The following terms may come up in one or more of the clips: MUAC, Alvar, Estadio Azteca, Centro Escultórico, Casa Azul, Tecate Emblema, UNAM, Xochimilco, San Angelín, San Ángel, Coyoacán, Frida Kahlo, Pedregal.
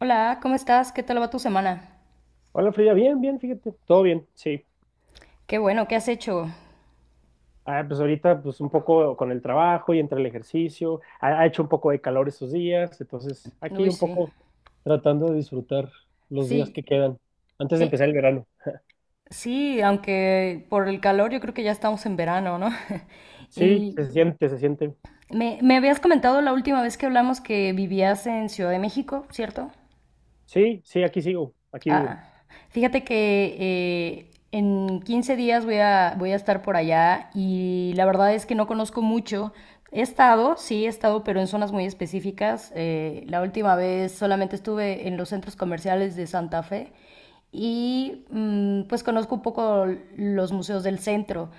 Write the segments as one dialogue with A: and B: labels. A: Hola, ¿cómo estás? ¿Qué tal va tu semana?
B: Hola Frida, bien, bien, fíjate, todo bien, sí.
A: Qué bueno, ¿qué has hecho?
B: Ah, pues ahorita pues un poco con el trabajo y entre el ejercicio, ha hecho un poco de calor estos días, entonces aquí
A: Uy,
B: un
A: sí.
B: poco tratando de disfrutar los días que
A: Sí,
B: quedan antes de
A: eh,
B: empezar el verano.
A: sí, aunque por el calor yo creo que ya estamos en verano, ¿no?
B: Sí,
A: Y
B: se siente, se siente.
A: me habías comentado la última vez que hablamos que vivías en Ciudad de México, ¿cierto?
B: Sí, sí, aquí sigo, aquí vivo.
A: Ah, fíjate que en 15 días voy a estar por allá y la verdad es que no conozco mucho. He estado, sí, he estado, pero en zonas muy específicas. La última vez solamente estuve en los centros comerciales de Santa Fe y pues conozco un poco los museos del centro.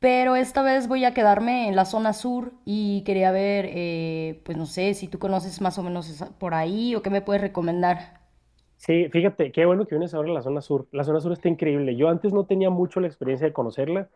A: Pero esta vez voy a quedarme en la zona sur y quería ver, pues no sé, si tú conoces más o menos por ahí o qué me puedes recomendar.
B: Sí, fíjate, qué bueno que vienes ahora a la zona sur. La zona sur está increíble. Yo antes no tenía mucho la experiencia de conocerla,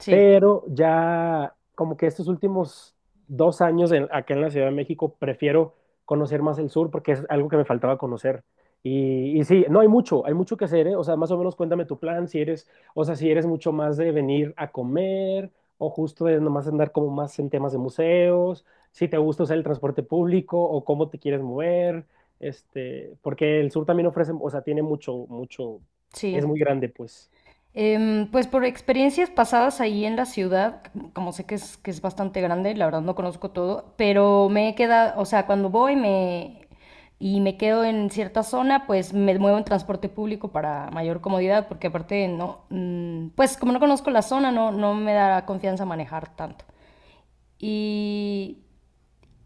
A: Sí,
B: pero ya como que estos últimos dos años acá en la Ciudad de México prefiero conocer más el sur porque es algo que me faltaba conocer. Y sí, no hay mucho, hay mucho que hacer, ¿eh? O sea, más o menos cuéntame tu plan, si eres, o sea, si eres mucho más de venir a comer o justo de nomás andar como más en temas de museos, si te gusta usar el transporte público o cómo te quieres mover, este, porque el sur también ofrece, o sea, tiene mucho, mucho,
A: sí.
B: es muy grande, pues.
A: Pues por experiencias pasadas ahí en la ciudad, como sé que es bastante grande, la verdad no conozco todo, pero me he quedado, o sea, cuando voy y me quedo en cierta zona, pues me muevo en transporte público para mayor comodidad, porque aparte no, pues como no conozco la zona, no me da confianza manejar tanto. Y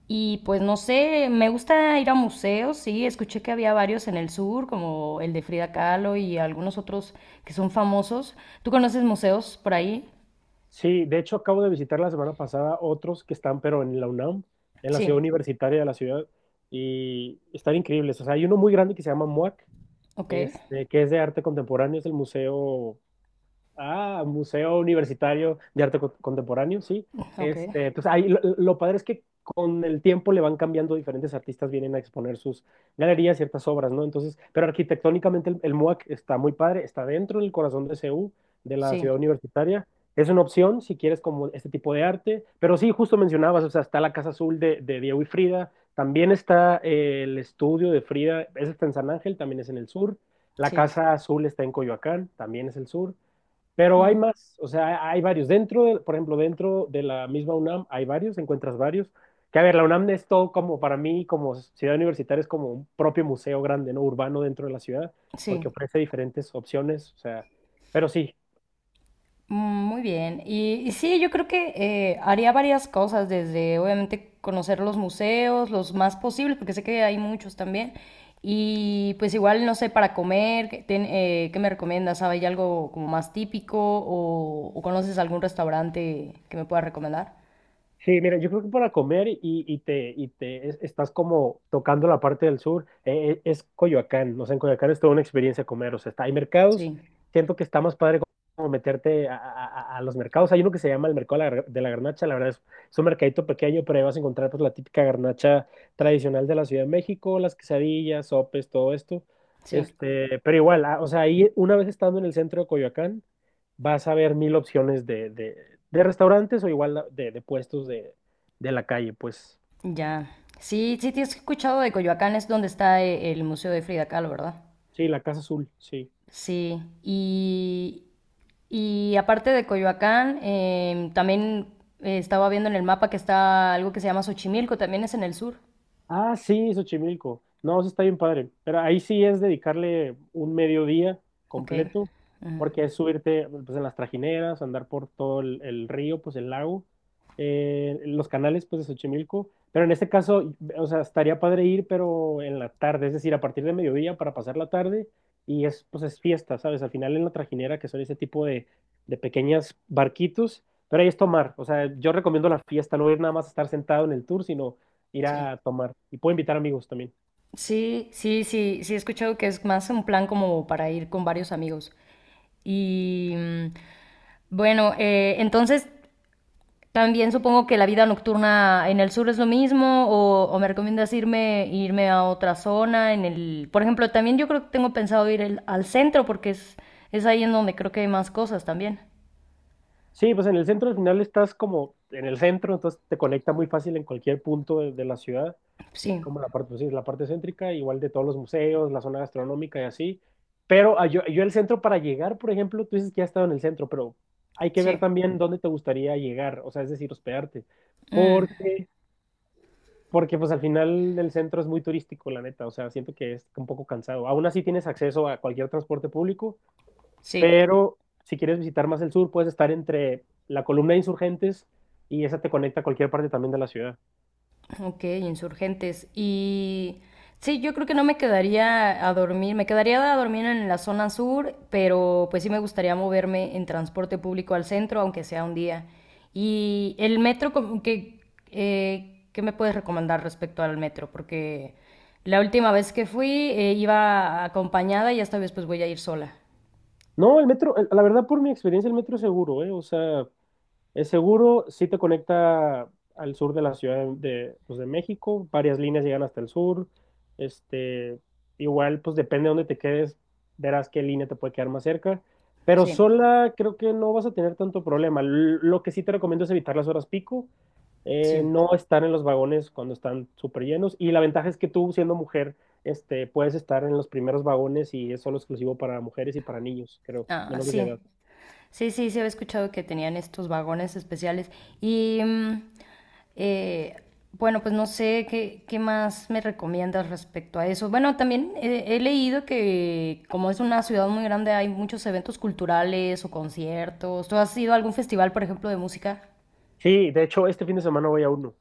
A: y pues no sé, me gusta ir a museos, sí, escuché que había varios en el sur, como el de Frida Kahlo y algunos otros que son famosos. ¿Tú conoces museos por ahí?
B: Sí, de hecho acabo de visitar la semana pasada otros que están, pero en la UNAM, en la ciudad
A: Sí,
B: universitaria de la ciudad, y están increíbles. O sea, hay uno muy grande que se llama MUAC,
A: ok,
B: este, que es de arte contemporáneo, es el museo. Ah, Museo Universitario de Arte Contemporáneo, sí.
A: ok,
B: Este, pues ahí lo padre es que con el tiempo le van cambiando, diferentes artistas vienen a exponer sus galerías, ciertas obras, ¿no? Entonces, pero arquitectónicamente el MUAC está muy padre, está dentro del corazón de CU, de la
A: sí,
B: ciudad universitaria. Es una opción si quieres como este tipo de arte, pero sí, justo mencionabas, o sea, está la Casa Azul de Diego y Frida, también está el estudio de Frida, ese está en San Ángel, también es en el sur. La
A: sí,
B: Casa Azul está en Coyoacán, también es el sur. Pero hay
A: mm,
B: más, o sea, hay varios. Dentro, por ejemplo, dentro de la misma UNAM hay varios, encuentras varios. Que a ver, la UNAM es todo como para mí, como ciudad universitaria, es como un propio museo grande, ¿no? Urbano dentro de la ciudad,
A: sí.
B: porque ofrece diferentes opciones, o sea, pero sí.
A: Mm, muy bien. Y sí, yo creo que haría varias cosas, desde obviamente conocer los museos, los más posibles, porque sé que hay muchos también. Y pues igual, no sé, para comer, ¿Qué me recomiendas? Sabes, ¿hay algo como más típico o, conoces algún restaurante que me pueda recomendar?
B: Sí, mira, yo creo que para comer y te estás como tocando la parte del sur, es Coyoacán, no sé, en Coyoacán es toda una experiencia comer, o sea, está, hay mercados,
A: Sí,
B: siento que está más padre como meterte a los mercados, hay uno que se llama el mercado de la garnacha, la verdad es un mercadito pequeño, pero ahí vas a encontrar pues la típica garnacha tradicional de la Ciudad de México, las quesadillas, sopes, todo esto,
A: sí,
B: este, pero igual, ah, o sea, ahí una vez estando en el centro de Coyoacán, vas a ver mil opciones de restaurantes o igual de puestos de la calle, pues.
A: ya. Sí, sí, te has escuchado de Coyoacán, es donde está el Museo de Frida Kahlo, ¿verdad?
B: Sí, la Casa Azul, sí.
A: Sí, y aparte de Coyoacán, también estaba viendo en el mapa que está algo que se llama Xochimilco, también es en el sur.
B: Ah, sí, Xochimilco. No, eso está bien padre. Pero ahí sí es dedicarle un mediodía
A: Ok.
B: completo,
A: Ujú.
B: porque es subirte pues, en las trajineras, andar por todo el río, pues el lago, los canales pues de Xochimilco. Pero en este caso, o sea, estaría padre ir, pero en la tarde, es decir, a partir de mediodía para pasar la tarde y es fiesta, ¿sabes? Al final en la trajinera, que son ese tipo de pequeñas barquitos, pero ahí es tomar. O sea, yo recomiendo la fiesta, no ir nada más a estar sentado en el tour, sino ir
A: Sí.
B: a tomar. Y puedo invitar amigos también.
A: Sí, sí, sí, sí he escuchado que es más un plan como para ir con varios amigos. Y bueno, entonces también supongo que la vida nocturna en el sur es lo mismo o, me recomiendas irme a otra zona en el, por ejemplo, también yo creo que tengo pensado ir al centro porque es ahí en donde creo que hay más cosas también.
B: Sí, pues en el centro al final estás como en el centro, entonces te conecta muy fácil en cualquier punto de la ciudad,
A: Sí,
B: como la parte, pues sí, la parte céntrica, igual de todos los museos, la zona gastronómica y así. Pero ah, yo el centro para llegar, por ejemplo, tú dices que has estado en el centro, pero hay que ver
A: sí.
B: también dónde te gustaría llegar, o sea, es decir, hospedarte.
A: Mm,
B: Porque, porque pues al final el centro es muy turístico, la neta, o sea, siento que es un poco cansado. Aún así tienes acceso a cualquier transporte público,
A: sí.
B: pero si quieres visitar más el sur, puedes estar entre la columna de insurgentes y esa te conecta a cualquier parte también de la ciudad.
A: Ok, insurgentes. Y sí, yo creo que no me quedaría a dormir, me quedaría a dormir en la zona sur, pero pues sí me gustaría moverme en transporte público al centro, aunque sea un día. Y el metro, como que, ¿qué me puedes recomendar respecto al metro? Porque la última vez que fui iba acompañada y esta vez pues voy a ir sola.
B: No, el metro, la verdad, por mi experiencia, el metro es seguro, ¿eh? O sea, es seguro, sí te conecta al sur de la Ciudad de México, varias líneas llegan hasta el sur, este, igual pues depende de dónde te quedes, verás qué línea te puede quedar más cerca, pero
A: Sí,
B: sola creo que no vas a tener tanto problema. Lo que sí te recomiendo es evitar las horas pico,
A: sí.
B: no estar en los vagones cuando están súper llenos, y la ventaja es que tú siendo mujer, este, puedes estar en los primeros vagones y es solo exclusivo para mujeres y para niños, creo,
A: Ah,
B: menores de
A: sí.
B: edad.
A: Sí, sí, sí, había escuchado que tenían estos vagones especiales. Y eh, bueno, pues no sé qué más me recomiendas respecto a eso. Bueno, también he leído que como es una ciudad muy grande hay muchos eventos culturales o conciertos. ¿Tú has ido a algún festival, por ejemplo, de música?
B: Sí, de hecho, este fin de semana voy a uno.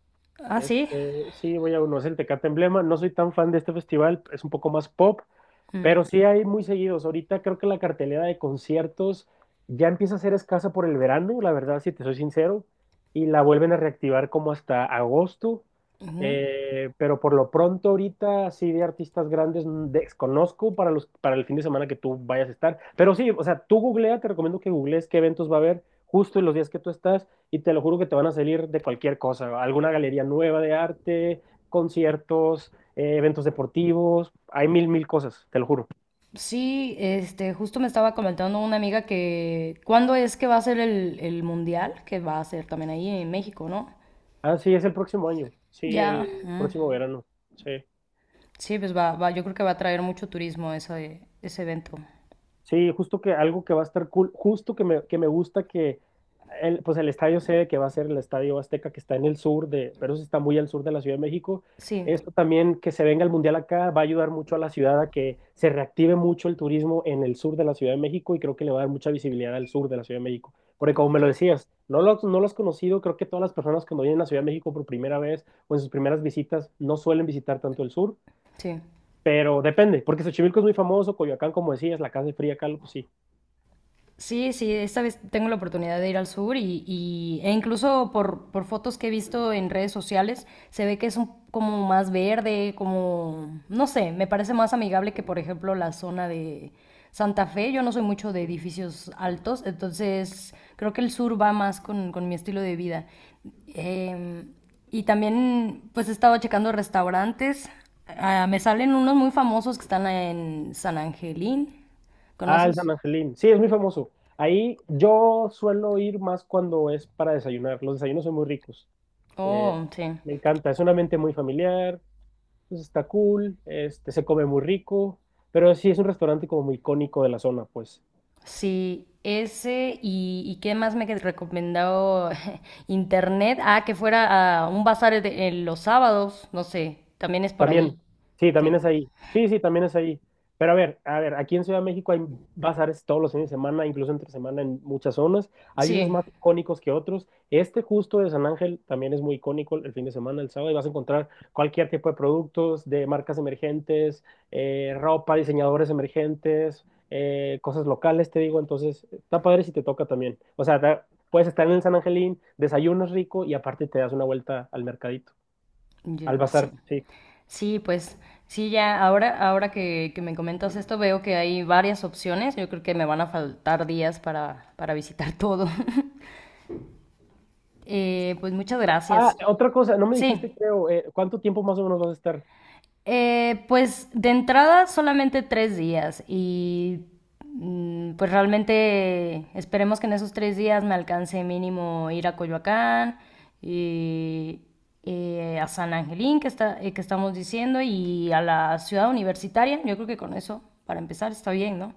A: Ah, sí.
B: Este, sí, voy a conocer el Tecate Emblema. No soy tan fan de este festival, es un poco más pop,
A: Mm.
B: pero sí hay muy seguidos. Ahorita creo que la cartelera de conciertos ya empieza a ser escasa por el verano, la verdad, si te soy sincero, y la vuelven a reactivar como hasta agosto. Pero por lo pronto ahorita sí de artistas grandes desconozco para el fin de semana que tú vayas a estar. Pero sí, o sea, tú googlea, te recomiendo que googlees qué eventos va a haber justo en los días que tú estás y te lo juro que te van a salir de cualquier cosa, alguna galería nueva de arte, conciertos, eventos deportivos, hay mil, mil cosas, te lo juro.
A: Sí, este, justo me estaba comentando una amiga que, ¿cuándo es que va a ser el mundial? Que va a ser también ahí en México, ¿no?
B: Ah, sí, es el próximo año, sí,
A: Ya.
B: el
A: Mm.
B: próximo verano, sí.
A: Sí, pues va, yo creo que va a traer mucho turismo ese evento.
B: Sí, justo que algo que va a estar cool, justo que me gusta que el, pues el estadio sede que va a ser el Estadio Azteca que está en el sur de, pero eso está muy al sur de la Ciudad de México.
A: Sí,
B: Esto también que se venga el Mundial acá va a ayudar mucho a la ciudad a que se reactive mucho el turismo en el sur de la Ciudad de México y creo que le va a dar mucha visibilidad al sur de la Ciudad de México. Porque como me
A: ok,
B: lo decías, no lo has conocido, creo que todas las personas cuando vienen a la Ciudad de México por primera vez o en sus primeras visitas no suelen visitar tanto el sur.
A: sí.
B: Pero depende, porque Xochimilco es muy famoso, Coyoacán, como decías, la Casa de Fría acá, pues sí.
A: Sí, sí, esta vez tengo la oportunidad de ir al sur e incluso por fotos que he visto en redes sociales, se ve que es como más verde, como, no sé, me parece más amigable que por ejemplo la zona de Santa Fe. Yo no soy mucho de edificios altos, entonces creo que el sur va más con mi estilo de vida. Em, y también pues he estado checando restaurantes. Ah, me salen unos muy famosos que están en San Angelín.
B: Ah, el San
A: ¿Conoces?
B: Angelín. Sí, es muy famoso. Ahí yo suelo ir más cuando es para desayunar. Los desayunos son muy ricos. Eh,
A: Oh, sí.
B: Me encanta. Es un ambiente muy familiar. Pues está cool. Este, se come muy rico. Pero sí es un restaurante como muy icónico de la zona, pues.
A: Sí, ese y qué más me que recomendado internet. Ah, que fuera a un bazar en los sábados, no sé, también es por
B: También,
A: allí.
B: sí,
A: Sí,
B: también es ahí. Sí, sí, también es ahí. Pero a ver, aquí en Ciudad de México hay bazares todos los fines de semana, incluso entre semana en muchas zonas. Hay unos
A: sí,
B: más icónicos que otros. Este justo de San Ángel también es muy icónico el fin de semana, el sábado, y vas a encontrar cualquier tipo de productos de marcas emergentes, ropa, diseñadores emergentes, cosas locales, te digo. Entonces, está padre si te toca también. O sea, puedes estar en el San Angelín, desayunas rico y aparte te das una vuelta al mercadito, al
A: sí.
B: bazar, sí.
A: Sí, pues sí, ya ahora que me comentas esto veo que hay varias opciones. Yo creo que me van a faltar días para visitar todo. Pues muchas
B: Ah,
A: gracias.
B: otra cosa, no me dijiste,
A: Sí.
B: creo, ¿cuánto tiempo más o menos vas a estar?
A: Pues de entrada solamente 3 días y pues realmente esperemos que en esos 3 días me alcance mínimo ir a Coyoacán y a San Angelín que estamos diciendo y a la ciudad universitaria. Yo creo que con eso, para empezar, está bien, ¿no?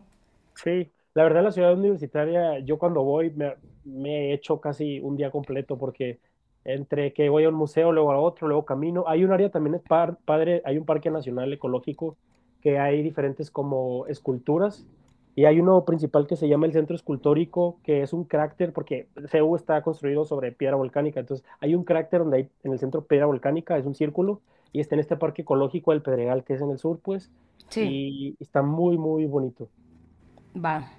B: Sí, la verdad la ciudad universitaria, yo cuando voy me echo casi un día completo porque entre que voy a un museo, luego a otro, luego camino, hay un área también es padre, hay un parque nacional ecológico que hay diferentes como esculturas y hay uno principal que se llama el Centro Escultórico, que es un cráter porque CU está construido sobre piedra volcánica, entonces hay un cráter donde hay en el centro piedra volcánica, es un círculo y está en este parque ecológico del Pedregal que es en el sur, pues,
A: Sí,
B: y está muy, muy bonito.
A: va.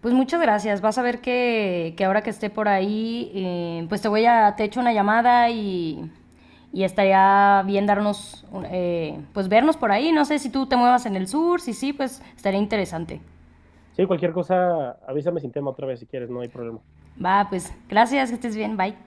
A: Pues muchas gracias. Vas a ver que ahora que esté por ahí, pues te echo una llamada y estaría bien pues vernos por ahí. No sé si tú te muevas en el sur, si sí, pues estaría interesante.
B: Sí, cualquier cosa, avísame sin tema otra vez si quieres, no hay problema.
A: Va, pues gracias, que estés bien, bye.